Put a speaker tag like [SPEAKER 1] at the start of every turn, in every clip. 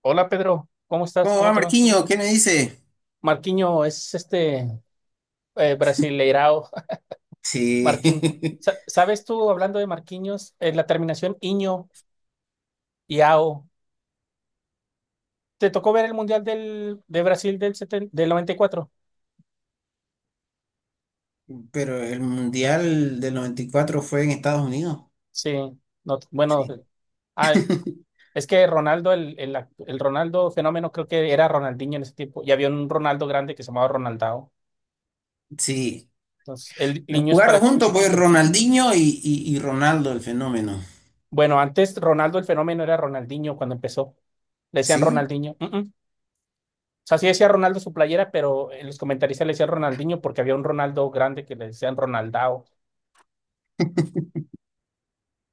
[SPEAKER 1] Hola Pedro, ¿cómo estás?
[SPEAKER 2] ¿Cómo
[SPEAKER 1] ¿Cómo
[SPEAKER 2] va
[SPEAKER 1] te va?
[SPEAKER 2] Marquiño? ¿Qué me dice?
[SPEAKER 1] Marquinho es este brasileirao.
[SPEAKER 2] Sí,
[SPEAKER 1] Marquinho. Sa- ¿Sabes tú, hablando de Marquinhos, la terminación iño y ao? ¿Te tocó ver el Mundial del, 70 del 94?
[SPEAKER 2] pero el Mundial del 94 fue en Estados Unidos.
[SPEAKER 1] Sí, no, bueno,
[SPEAKER 2] Sí.
[SPEAKER 1] ah, es que Ronaldo, el Ronaldo fenómeno, creo que era Ronaldinho en ese tiempo, y había un Ronaldo grande que se llamaba Ronaldao.
[SPEAKER 2] Sí.
[SPEAKER 1] Entonces, el niño es
[SPEAKER 2] Jugaron
[SPEAKER 1] para
[SPEAKER 2] juntos pues
[SPEAKER 1] chiquito.
[SPEAKER 2] Ronaldinho y Ronaldo, el fenómeno.
[SPEAKER 1] Bueno, antes Ronaldo el fenómeno era Ronaldinho cuando empezó. Le decían
[SPEAKER 2] ¿Sí?
[SPEAKER 1] Ronaldinho. Uh-uh. O sea, sí decía Ronaldo su playera, pero en los comentaristas le decían Ronaldinho porque había un Ronaldo grande que le decían Ronaldao.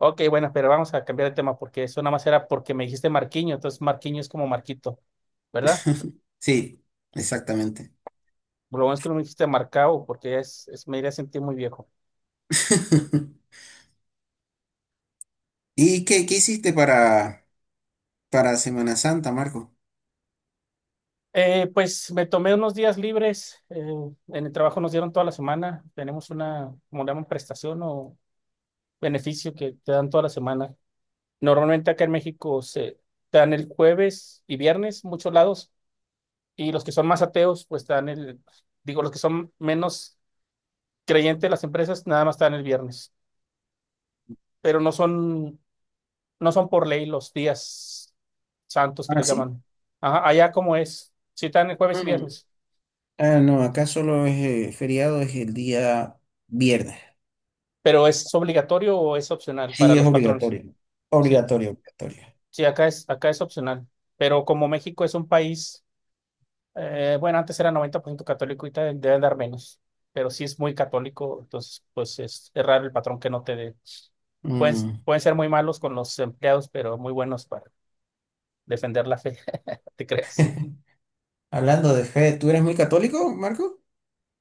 [SPEAKER 1] Ok, bueno, pero vamos a cambiar de tema porque eso nada más era porque me dijiste Marquinho, entonces Marquinho es como Marquito, ¿verdad?
[SPEAKER 2] Sí, exactamente.
[SPEAKER 1] Lo bueno es que no me dijiste Marcao porque me iría a sentir muy viejo.
[SPEAKER 2] ¿Y qué hiciste para Semana Santa, Marco?
[SPEAKER 1] Pues me tomé unos días libres, en el trabajo nos dieron toda la semana. Tenemos una, como le llaman, prestación o beneficio que te dan toda la semana. Normalmente acá en México se te dan el jueves y viernes, muchos lados. Y los que son más ateos, pues están el, digo, los que son menos creyentes de las empresas, nada más están el viernes. Pero no son, por ley los días santos que
[SPEAKER 2] Ah,
[SPEAKER 1] les
[SPEAKER 2] sí.
[SPEAKER 1] llaman. Ajá, allá como es, si están el jueves y
[SPEAKER 2] Mm.
[SPEAKER 1] viernes,
[SPEAKER 2] Ah, no, acá solo es feriado, es el día viernes.
[SPEAKER 1] pero ¿es obligatorio o es opcional para
[SPEAKER 2] Sí, es
[SPEAKER 1] los patrones?
[SPEAKER 2] obligatorio.
[SPEAKER 1] ¿Sí?
[SPEAKER 2] Obligatorio, obligatorio.
[SPEAKER 1] Sí, acá es, opcional. Pero como México es un país... Bueno, antes era 90% católico y te deben dar menos, pero si es muy católico, entonces pues es, raro el patrón que no te dé. Pueden,
[SPEAKER 2] Mm.
[SPEAKER 1] pueden ser muy malos con los empleados, pero muy buenos para defender la fe, te creas.
[SPEAKER 2] Hablando de fe, ¿tú eres muy católico, Marco?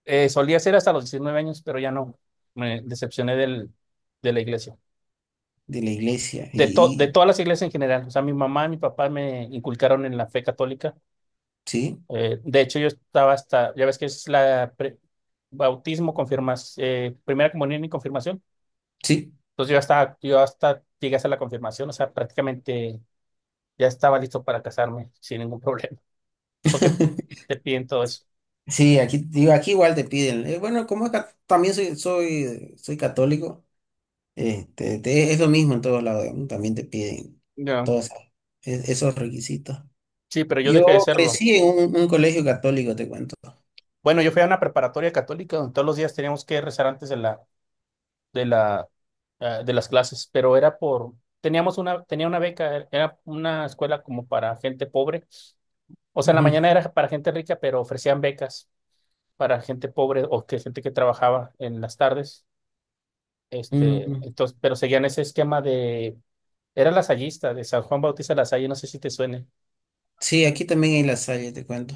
[SPEAKER 1] Solía ser hasta los 19 años, pero ya no. Me decepcioné de la iglesia.
[SPEAKER 2] De la iglesia.
[SPEAKER 1] De, to- de
[SPEAKER 2] Y-
[SPEAKER 1] todas las iglesias en general. O sea, mi mamá, mi papá me inculcaron en la fe católica.
[SPEAKER 2] sí,
[SPEAKER 1] De hecho, yo estaba hasta, ya ves que es la bautismo, confirmas, primera comunión y confirmación.
[SPEAKER 2] sí.
[SPEAKER 1] Entonces yo hasta, llegué a hacer la confirmación, o sea, prácticamente ya estaba listo para casarme sin ningún problema, porque te piden todo eso.
[SPEAKER 2] Sí, aquí, digo, aquí igual te piden. Bueno, también soy católico, es lo mismo en todos lados, digamos, también te piden
[SPEAKER 1] Ya.
[SPEAKER 2] todos esos esos requisitos.
[SPEAKER 1] Sí, pero yo
[SPEAKER 2] Yo
[SPEAKER 1] dejé de serlo.
[SPEAKER 2] crecí en un colegio católico, te cuento.
[SPEAKER 1] Bueno, yo fui a una preparatoria católica donde todos los días teníamos que rezar antes de la, de las clases, pero era tenía una beca, era una escuela como para gente pobre. O sea, en la
[SPEAKER 2] Ujú,
[SPEAKER 1] mañana era para gente rica, pero ofrecían becas para gente pobre o que gente que trabajaba en las tardes. Este,
[SPEAKER 2] ujú.
[SPEAKER 1] entonces, pero seguían ese esquema era lasallista, de San Juan Bautista Lasalle, no sé si te suene.
[SPEAKER 2] Sí, aquí también hay La Salle, te cuento.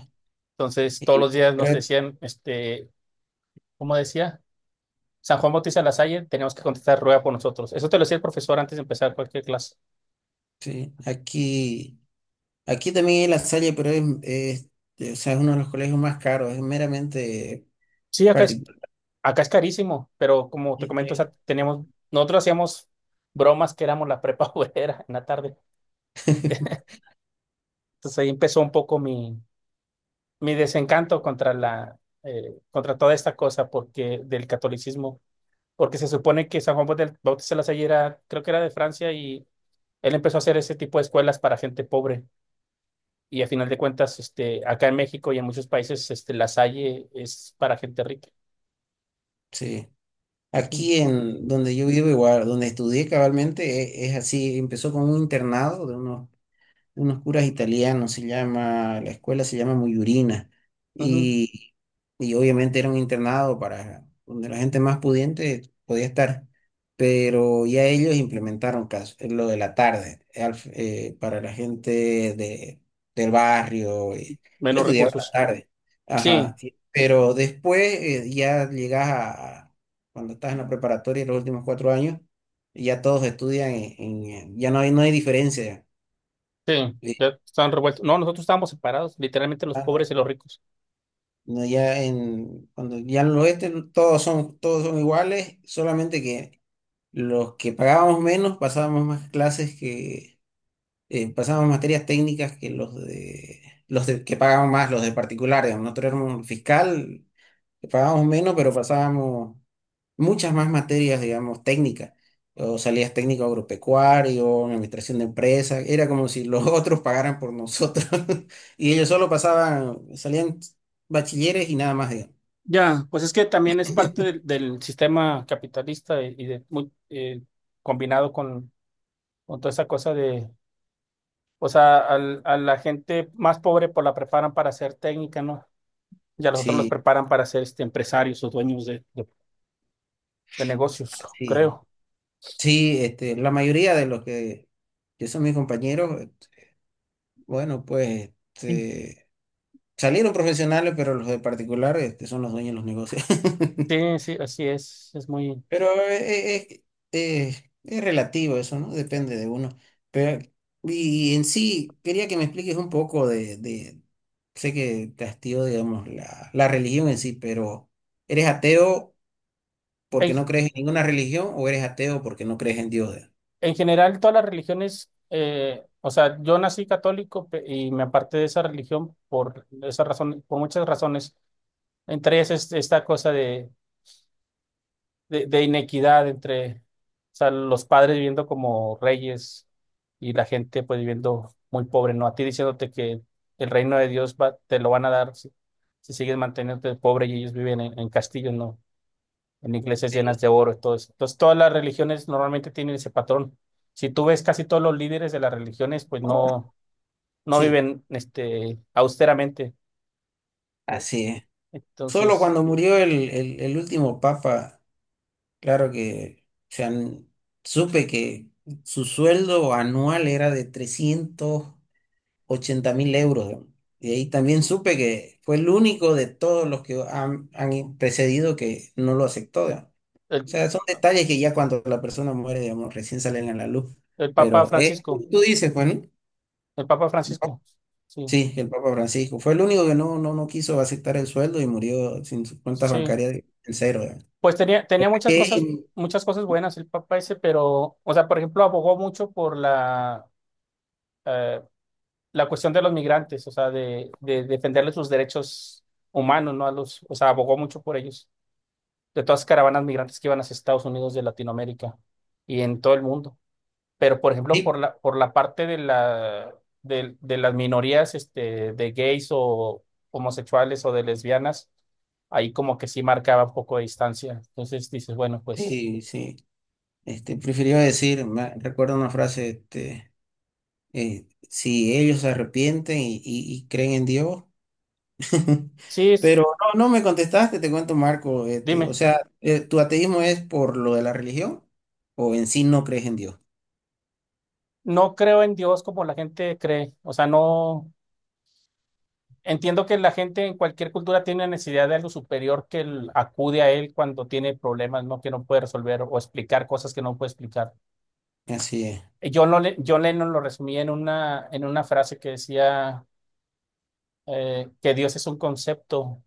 [SPEAKER 1] Entonces, todos los
[SPEAKER 2] Y
[SPEAKER 1] días nos
[SPEAKER 2] creo,
[SPEAKER 1] decían, este, ¿cómo decía? San Juan Bautista Lasalle, teníamos que contestar rueda por nosotros. Eso te lo decía el profesor antes de empezar cualquier clase.
[SPEAKER 2] sí, aquí. Aquí también hay La Salle, pero o sea, es uno de los colegios más caros, es meramente
[SPEAKER 1] Sí, acá es,
[SPEAKER 2] particular.
[SPEAKER 1] acá es carísimo, pero como te
[SPEAKER 2] Y-
[SPEAKER 1] comento, o
[SPEAKER 2] eh.
[SPEAKER 1] sea, nosotros hacíamos bromas que éramos la prepa obrera en la tarde. Entonces ahí empezó un poco mi desencanto contra la, contra toda esta cosa porque del catolicismo, porque se supone que San Juan Bautista Lasalle era, creo que era de Francia y él empezó a hacer ese tipo de escuelas para gente pobre. Y a final de cuentas, este, acá en México y en muchos países, este, Lasalle es para gente rica.
[SPEAKER 2] Sí.
[SPEAKER 1] Ujú,
[SPEAKER 2] Aquí en donde yo vivo igual, donde estudié cabalmente, e- es, así, empezó con un internado de unos curas italianos, se llama, la escuela se llama Muyurina,
[SPEAKER 1] ujú.
[SPEAKER 2] y, y obviamente era un internado para donde la gente más pudiente podía estar, pero ya ellos implementaron lo de la tarde para la gente de, del barrio. Yo
[SPEAKER 1] Menos
[SPEAKER 2] estudiaba la
[SPEAKER 1] recursos.
[SPEAKER 2] tarde,
[SPEAKER 1] Sí,
[SPEAKER 2] ajá, pero después ya llegas cuando estás en la preparatoria, los últimos 4 años, ya todos estudian ya no hay diferencia.
[SPEAKER 1] sí, ya están revueltos. No, nosotros estábamos separados, literalmente los pobres y los ricos.
[SPEAKER 2] No, cuando ya en el oeste todos son iguales, solamente que los que pagábamos menos pasábamos más clases que, pasábamos materias técnicas que pagaban más, los de particulares. Nosotros éramos fiscal, que pagábamos menos, pero pasábamos muchas más materias, digamos, técnicas. O salidas técnico agropecuario, administración de empresas. Era como si los otros pagaran por nosotros. Y ellos solo pasaban, salían bachilleres y nada más, digamos.
[SPEAKER 1] Ya, pues es que también es parte del, sistema capitalista y de, muy, combinado con toda esa cosa de... O sea, a la gente más pobre pues la preparan para ser técnica, ¿no? Y a los otros los
[SPEAKER 2] Sí,
[SPEAKER 1] preparan para ser este, empresarios o dueños de negocios,
[SPEAKER 2] así es.
[SPEAKER 1] creo.
[SPEAKER 2] Sí, la mayoría de los que son mis compañeros, bueno, pues
[SPEAKER 1] Sí,
[SPEAKER 2] salieron profesionales, pero los de particular son los dueños de los negocios.
[SPEAKER 1] sí, sí, así es. Es muy...
[SPEAKER 2] Pero es relativo eso, ¿no? Depende de uno. Pero, y en sí, quería que me expliques un poco sé que te hastió, digamos, la religión en sí, pero ¿eres ateo
[SPEAKER 1] En,
[SPEAKER 2] porque no crees en ninguna religión o eres ateo porque no crees en Dios?
[SPEAKER 1] en general, todas las religiones, o sea, yo nací católico y me aparté de esa religión por esa razón, por muchas razones. Entre ellas es esta cosa de de inequidad entre, o sea, los padres viviendo como reyes y la gente pues viviendo muy pobre, ¿no? A ti diciéndote que el reino de Dios va, te lo van a dar si, sigues manteniéndote pobre y ellos viven en castillos, ¿no? En iglesias llenas de oro y todo eso. Entonces, todas las religiones normalmente tienen ese patrón. Si tú ves casi todos los líderes de las religiones, pues
[SPEAKER 2] Oh,
[SPEAKER 1] no, no
[SPEAKER 2] sí.
[SPEAKER 1] viven este, austeramente.
[SPEAKER 2] Así es. Solo
[SPEAKER 1] Entonces,
[SPEAKER 2] cuando murió el último papa, claro que, o sea, supe que su sueldo anual era de 380.000 euros, ¿no? Y ahí también supe que fue el único de todos los que han precedido que no lo aceptó, digamos. O
[SPEAKER 1] el,
[SPEAKER 2] sea, son detalles que ya cuando la persona muere, digamos, recién salen a la luz.
[SPEAKER 1] el Papa
[SPEAKER 2] Pero
[SPEAKER 1] Francisco,
[SPEAKER 2] tú dices, ¿Juan?
[SPEAKER 1] el Papa Francisco, sí.
[SPEAKER 2] Sí, el Papa Francisco. Fue el único que no quiso aceptar el sueldo y murió sin sus cuentas
[SPEAKER 1] Sí,
[SPEAKER 2] bancarias en cero, ¿eh?
[SPEAKER 1] pues tenía
[SPEAKER 2] Eh,
[SPEAKER 1] muchas cosas buenas el Papa ese, pero, o sea, por ejemplo, abogó mucho por la, eh, la cuestión de los migrantes, o sea, de defenderles sus derechos humanos, ¿no? A los, o sea, abogó mucho por ellos, de todas las caravanas migrantes que iban hacia Estados Unidos de Latinoamérica y en todo el mundo. Pero por ejemplo, por
[SPEAKER 2] sí,
[SPEAKER 1] la, por la parte de las minorías, este, de gays o homosexuales o de lesbianas, ahí como que sí marcaba un poco de distancia. Entonces dices, bueno, pues
[SPEAKER 2] sí, sí. Prefirió decir, me recuerdo una frase, si ellos se arrepienten y creen en Dios.
[SPEAKER 1] sí,
[SPEAKER 2] Pero no, no me contestaste, te cuento, Marco. O
[SPEAKER 1] dime,
[SPEAKER 2] sea, ¿tu ateísmo es por lo de la religión o en sí no crees en Dios?
[SPEAKER 1] no creo en Dios como la gente cree. O sea, no entiendo que la gente en cualquier cultura tiene necesidad de algo superior que acude a él cuando tiene problemas, ¿no? Que no puede resolver o explicar cosas que no puede explicar.
[SPEAKER 2] Así es.
[SPEAKER 1] Yo, no, le- yo Lennon lo resumía en una, frase que decía que Dios es un concepto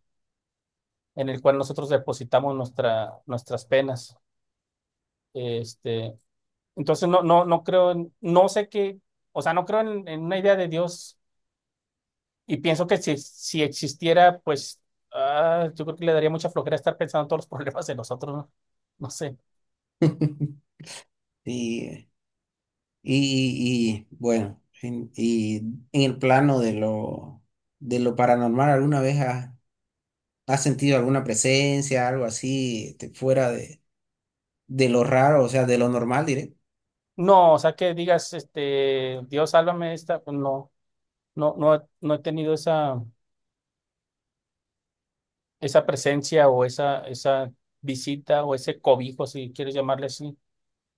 [SPEAKER 1] en el cual nosotros depositamos nuestra, nuestras penas. Este, entonces no creo, no sé qué, o sea, no creo en, una idea de Dios y pienso que si existiera, pues yo creo que le daría mucha flojera estar pensando en todos los problemas de nosotros, ¿no? No sé.
[SPEAKER 2] Sí, y, bueno, y en el plano de lo paranormal, ¿alguna vez has sentido alguna presencia, algo así, fuera de lo raro, o sea, de lo normal, diré?
[SPEAKER 1] No, o sea, que digas, este, Dios, sálvame de esta, pues, no, no, no, no he tenido esa, esa, presencia o esa visita o ese cobijo, si quieres llamarle así.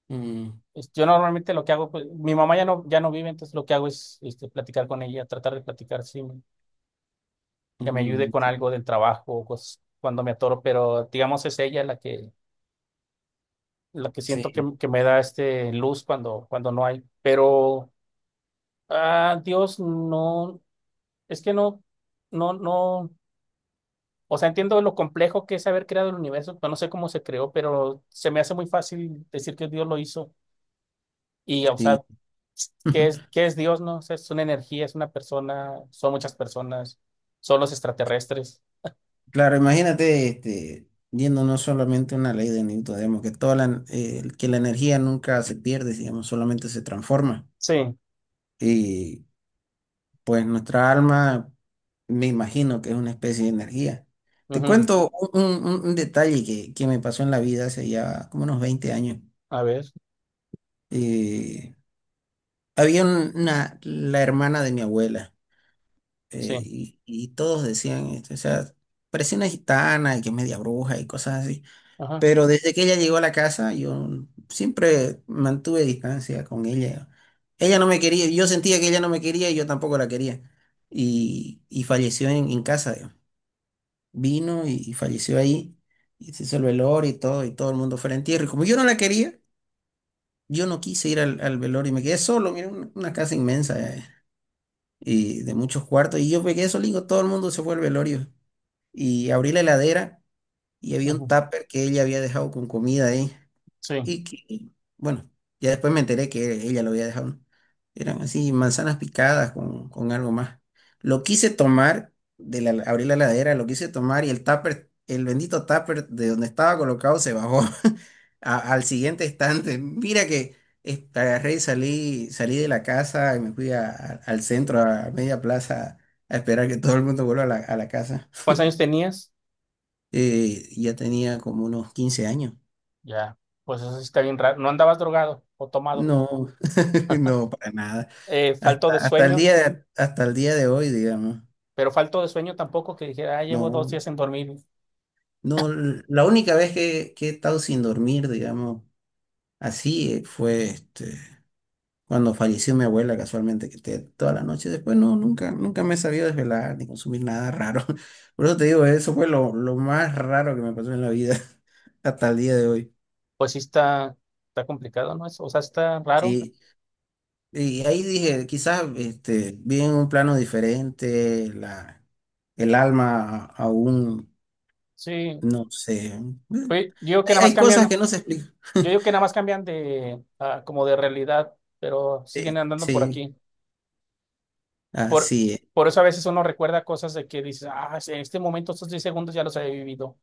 [SPEAKER 2] Mm,
[SPEAKER 1] Este, yo normalmente lo que hago, pues, mi mamá ya no vive, entonces lo que hago es este, platicar con ella, tratar de platicar, sí, que me ayude
[SPEAKER 2] mm,
[SPEAKER 1] con algo del trabajo o cosas cuando me atoro, pero digamos es ella la que, siento que,
[SPEAKER 2] sí,
[SPEAKER 1] que me da este luz cuando no hay. Pero, Dios, no, es que no, no, no, o sea, entiendo lo complejo que es haber creado el universo, pero no sé cómo se creó, pero se me hace muy fácil decir que Dios lo hizo. Y, o sea,
[SPEAKER 2] sí.
[SPEAKER 1] qué es Dios, no? O sea, ¿es una energía, es una persona, son muchas personas, son los extraterrestres?
[SPEAKER 2] Claro, imagínate, viendo no solamente una ley de Newton, digamos, que que la energía nunca se pierde, digamos, solamente se transforma.
[SPEAKER 1] Sí,
[SPEAKER 2] Y pues nuestra alma, me imagino que es una especie de energía. Te
[SPEAKER 1] ujú.
[SPEAKER 2] cuento un detalle que me pasó en la vida hace ya como unos 20 años.
[SPEAKER 1] A ver,
[SPEAKER 2] Eh, había la hermana de mi abuela,
[SPEAKER 1] sí,
[SPEAKER 2] y todos decían esto, o sea, parecía una gitana y que es media bruja y cosas así.
[SPEAKER 1] ajá,
[SPEAKER 2] Pero desde que ella llegó a la casa, yo siempre mantuve distancia con ella. Ella no me quería, yo sentía que ella no me quería y yo tampoco la quería. Y falleció en casa. Vino y falleció ahí, y se hizo el velorio y todo el mundo fue al entierro. Y como yo no la quería, yo no quise ir al velorio y me quedé solo, mira, una casa inmensa, y de muchos cuartos, y yo me quedé solito, todo el mundo se fue al velorio. Y abrí la heladera y había un
[SPEAKER 1] ujú.
[SPEAKER 2] tupper que ella había dejado con comida ahí.
[SPEAKER 1] Sí.
[SPEAKER 2] Y bueno, ya después me enteré que ella lo había dejado, ¿no? Eran así manzanas picadas con algo más. Lo quise tomar, abrí la heladera, lo quise tomar y el tupper, el bendito tupper de donde estaba colocado se bajó al siguiente estante. Mira que agarré y salí de la casa y me fui al centro, a media plaza, a esperar que todo el mundo vuelva a la casa.
[SPEAKER 1] ¿Cuántos años tenías?
[SPEAKER 2] Ya tenía como unos 15 años.
[SPEAKER 1] Ya, pues eso sí está bien raro. No andabas drogado o tomado.
[SPEAKER 2] No, no, para nada.
[SPEAKER 1] Falto
[SPEAKER 2] Hasta,
[SPEAKER 1] de
[SPEAKER 2] hasta el
[SPEAKER 1] sueño,
[SPEAKER 2] día de, hasta el día de hoy, digamos.
[SPEAKER 1] pero falto de sueño tampoco que dijera, llevo dos
[SPEAKER 2] No,
[SPEAKER 1] días sin dormir.
[SPEAKER 2] no, la única vez que he estado sin dormir, digamos, así fue cuando falleció mi abuela casualmente, que toda la noche después no, nunca, nunca me he sabido desvelar ni consumir nada raro. Por eso te digo, eso fue lo más raro que me pasó en la vida hasta el día de hoy.
[SPEAKER 1] Pues sí está, complicado, ¿no? O sea, está raro.
[SPEAKER 2] Sí. Y ahí dije, quizás vi en un plano diferente, el alma aún.
[SPEAKER 1] Sí,
[SPEAKER 2] No sé. Bueno.
[SPEAKER 1] pues, digo que nada
[SPEAKER 2] Hay,
[SPEAKER 1] más
[SPEAKER 2] hay cosas
[SPEAKER 1] cambian...
[SPEAKER 2] que no se explican.
[SPEAKER 1] Yo digo que nada más cambian de como de realidad, pero siguen
[SPEAKER 2] Eh,
[SPEAKER 1] andando por
[SPEAKER 2] sí,
[SPEAKER 1] aquí. Por,
[SPEAKER 2] así es.
[SPEAKER 1] por eso a veces uno recuerda cosas de que dices, ah, sí, en este momento, estos 10 segundos ya los he vivido.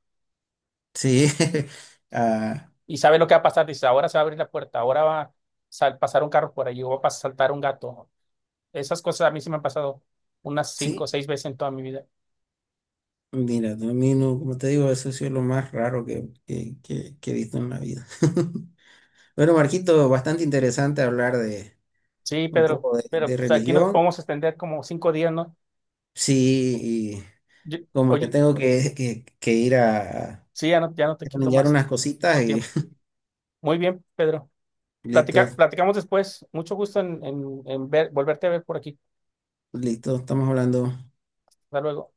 [SPEAKER 2] Sí. Ah,
[SPEAKER 1] Y sabe lo que va a pasar, dices, ahora se va a abrir la puerta, ahora va a pasar un carro por allí, o va a saltar un gato. Esas cosas a mí se me han pasado unas cinco o
[SPEAKER 2] sí.
[SPEAKER 1] seis veces en toda mi vida.
[SPEAKER 2] Mira, a mí no, como te digo, eso ha sido lo más raro que he visto en la vida. Bueno, Marquito, bastante interesante hablar de
[SPEAKER 1] Sí,
[SPEAKER 2] un
[SPEAKER 1] Pedro,
[SPEAKER 2] poco de,
[SPEAKER 1] pero
[SPEAKER 2] de
[SPEAKER 1] pues, aquí nos
[SPEAKER 2] religión.
[SPEAKER 1] podemos extender como 5 días, ¿no?
[SPEAKER 2] Sí, y
[SPEAKER 1] Yo-
[SPEAKER 2] como que
[SPEAKER 1] Oye,
[SPEAKER 2] tengo que ir a
[SPEAKER 1] sí, ya no, te
[SPEAKER 2] a
[SPEAKER 1] quito
[SPEAKER 2] planear
[SPEAKER 1] más
[SPEAKER 2] unas cositas
[SPEAKER 1] tu
[SPEAKER 2] y
[SPEAKER 1] tiempo. Muy bien, Pedro. Platica,
[SPEAKER 2] listo,
[SPEAKER 1] platicamos después. Mucho gusto en, volverte a ver por aquí.
[SPEAKER 2] listo, estamos hablando.
[SPEAKER 1] Hasta luego.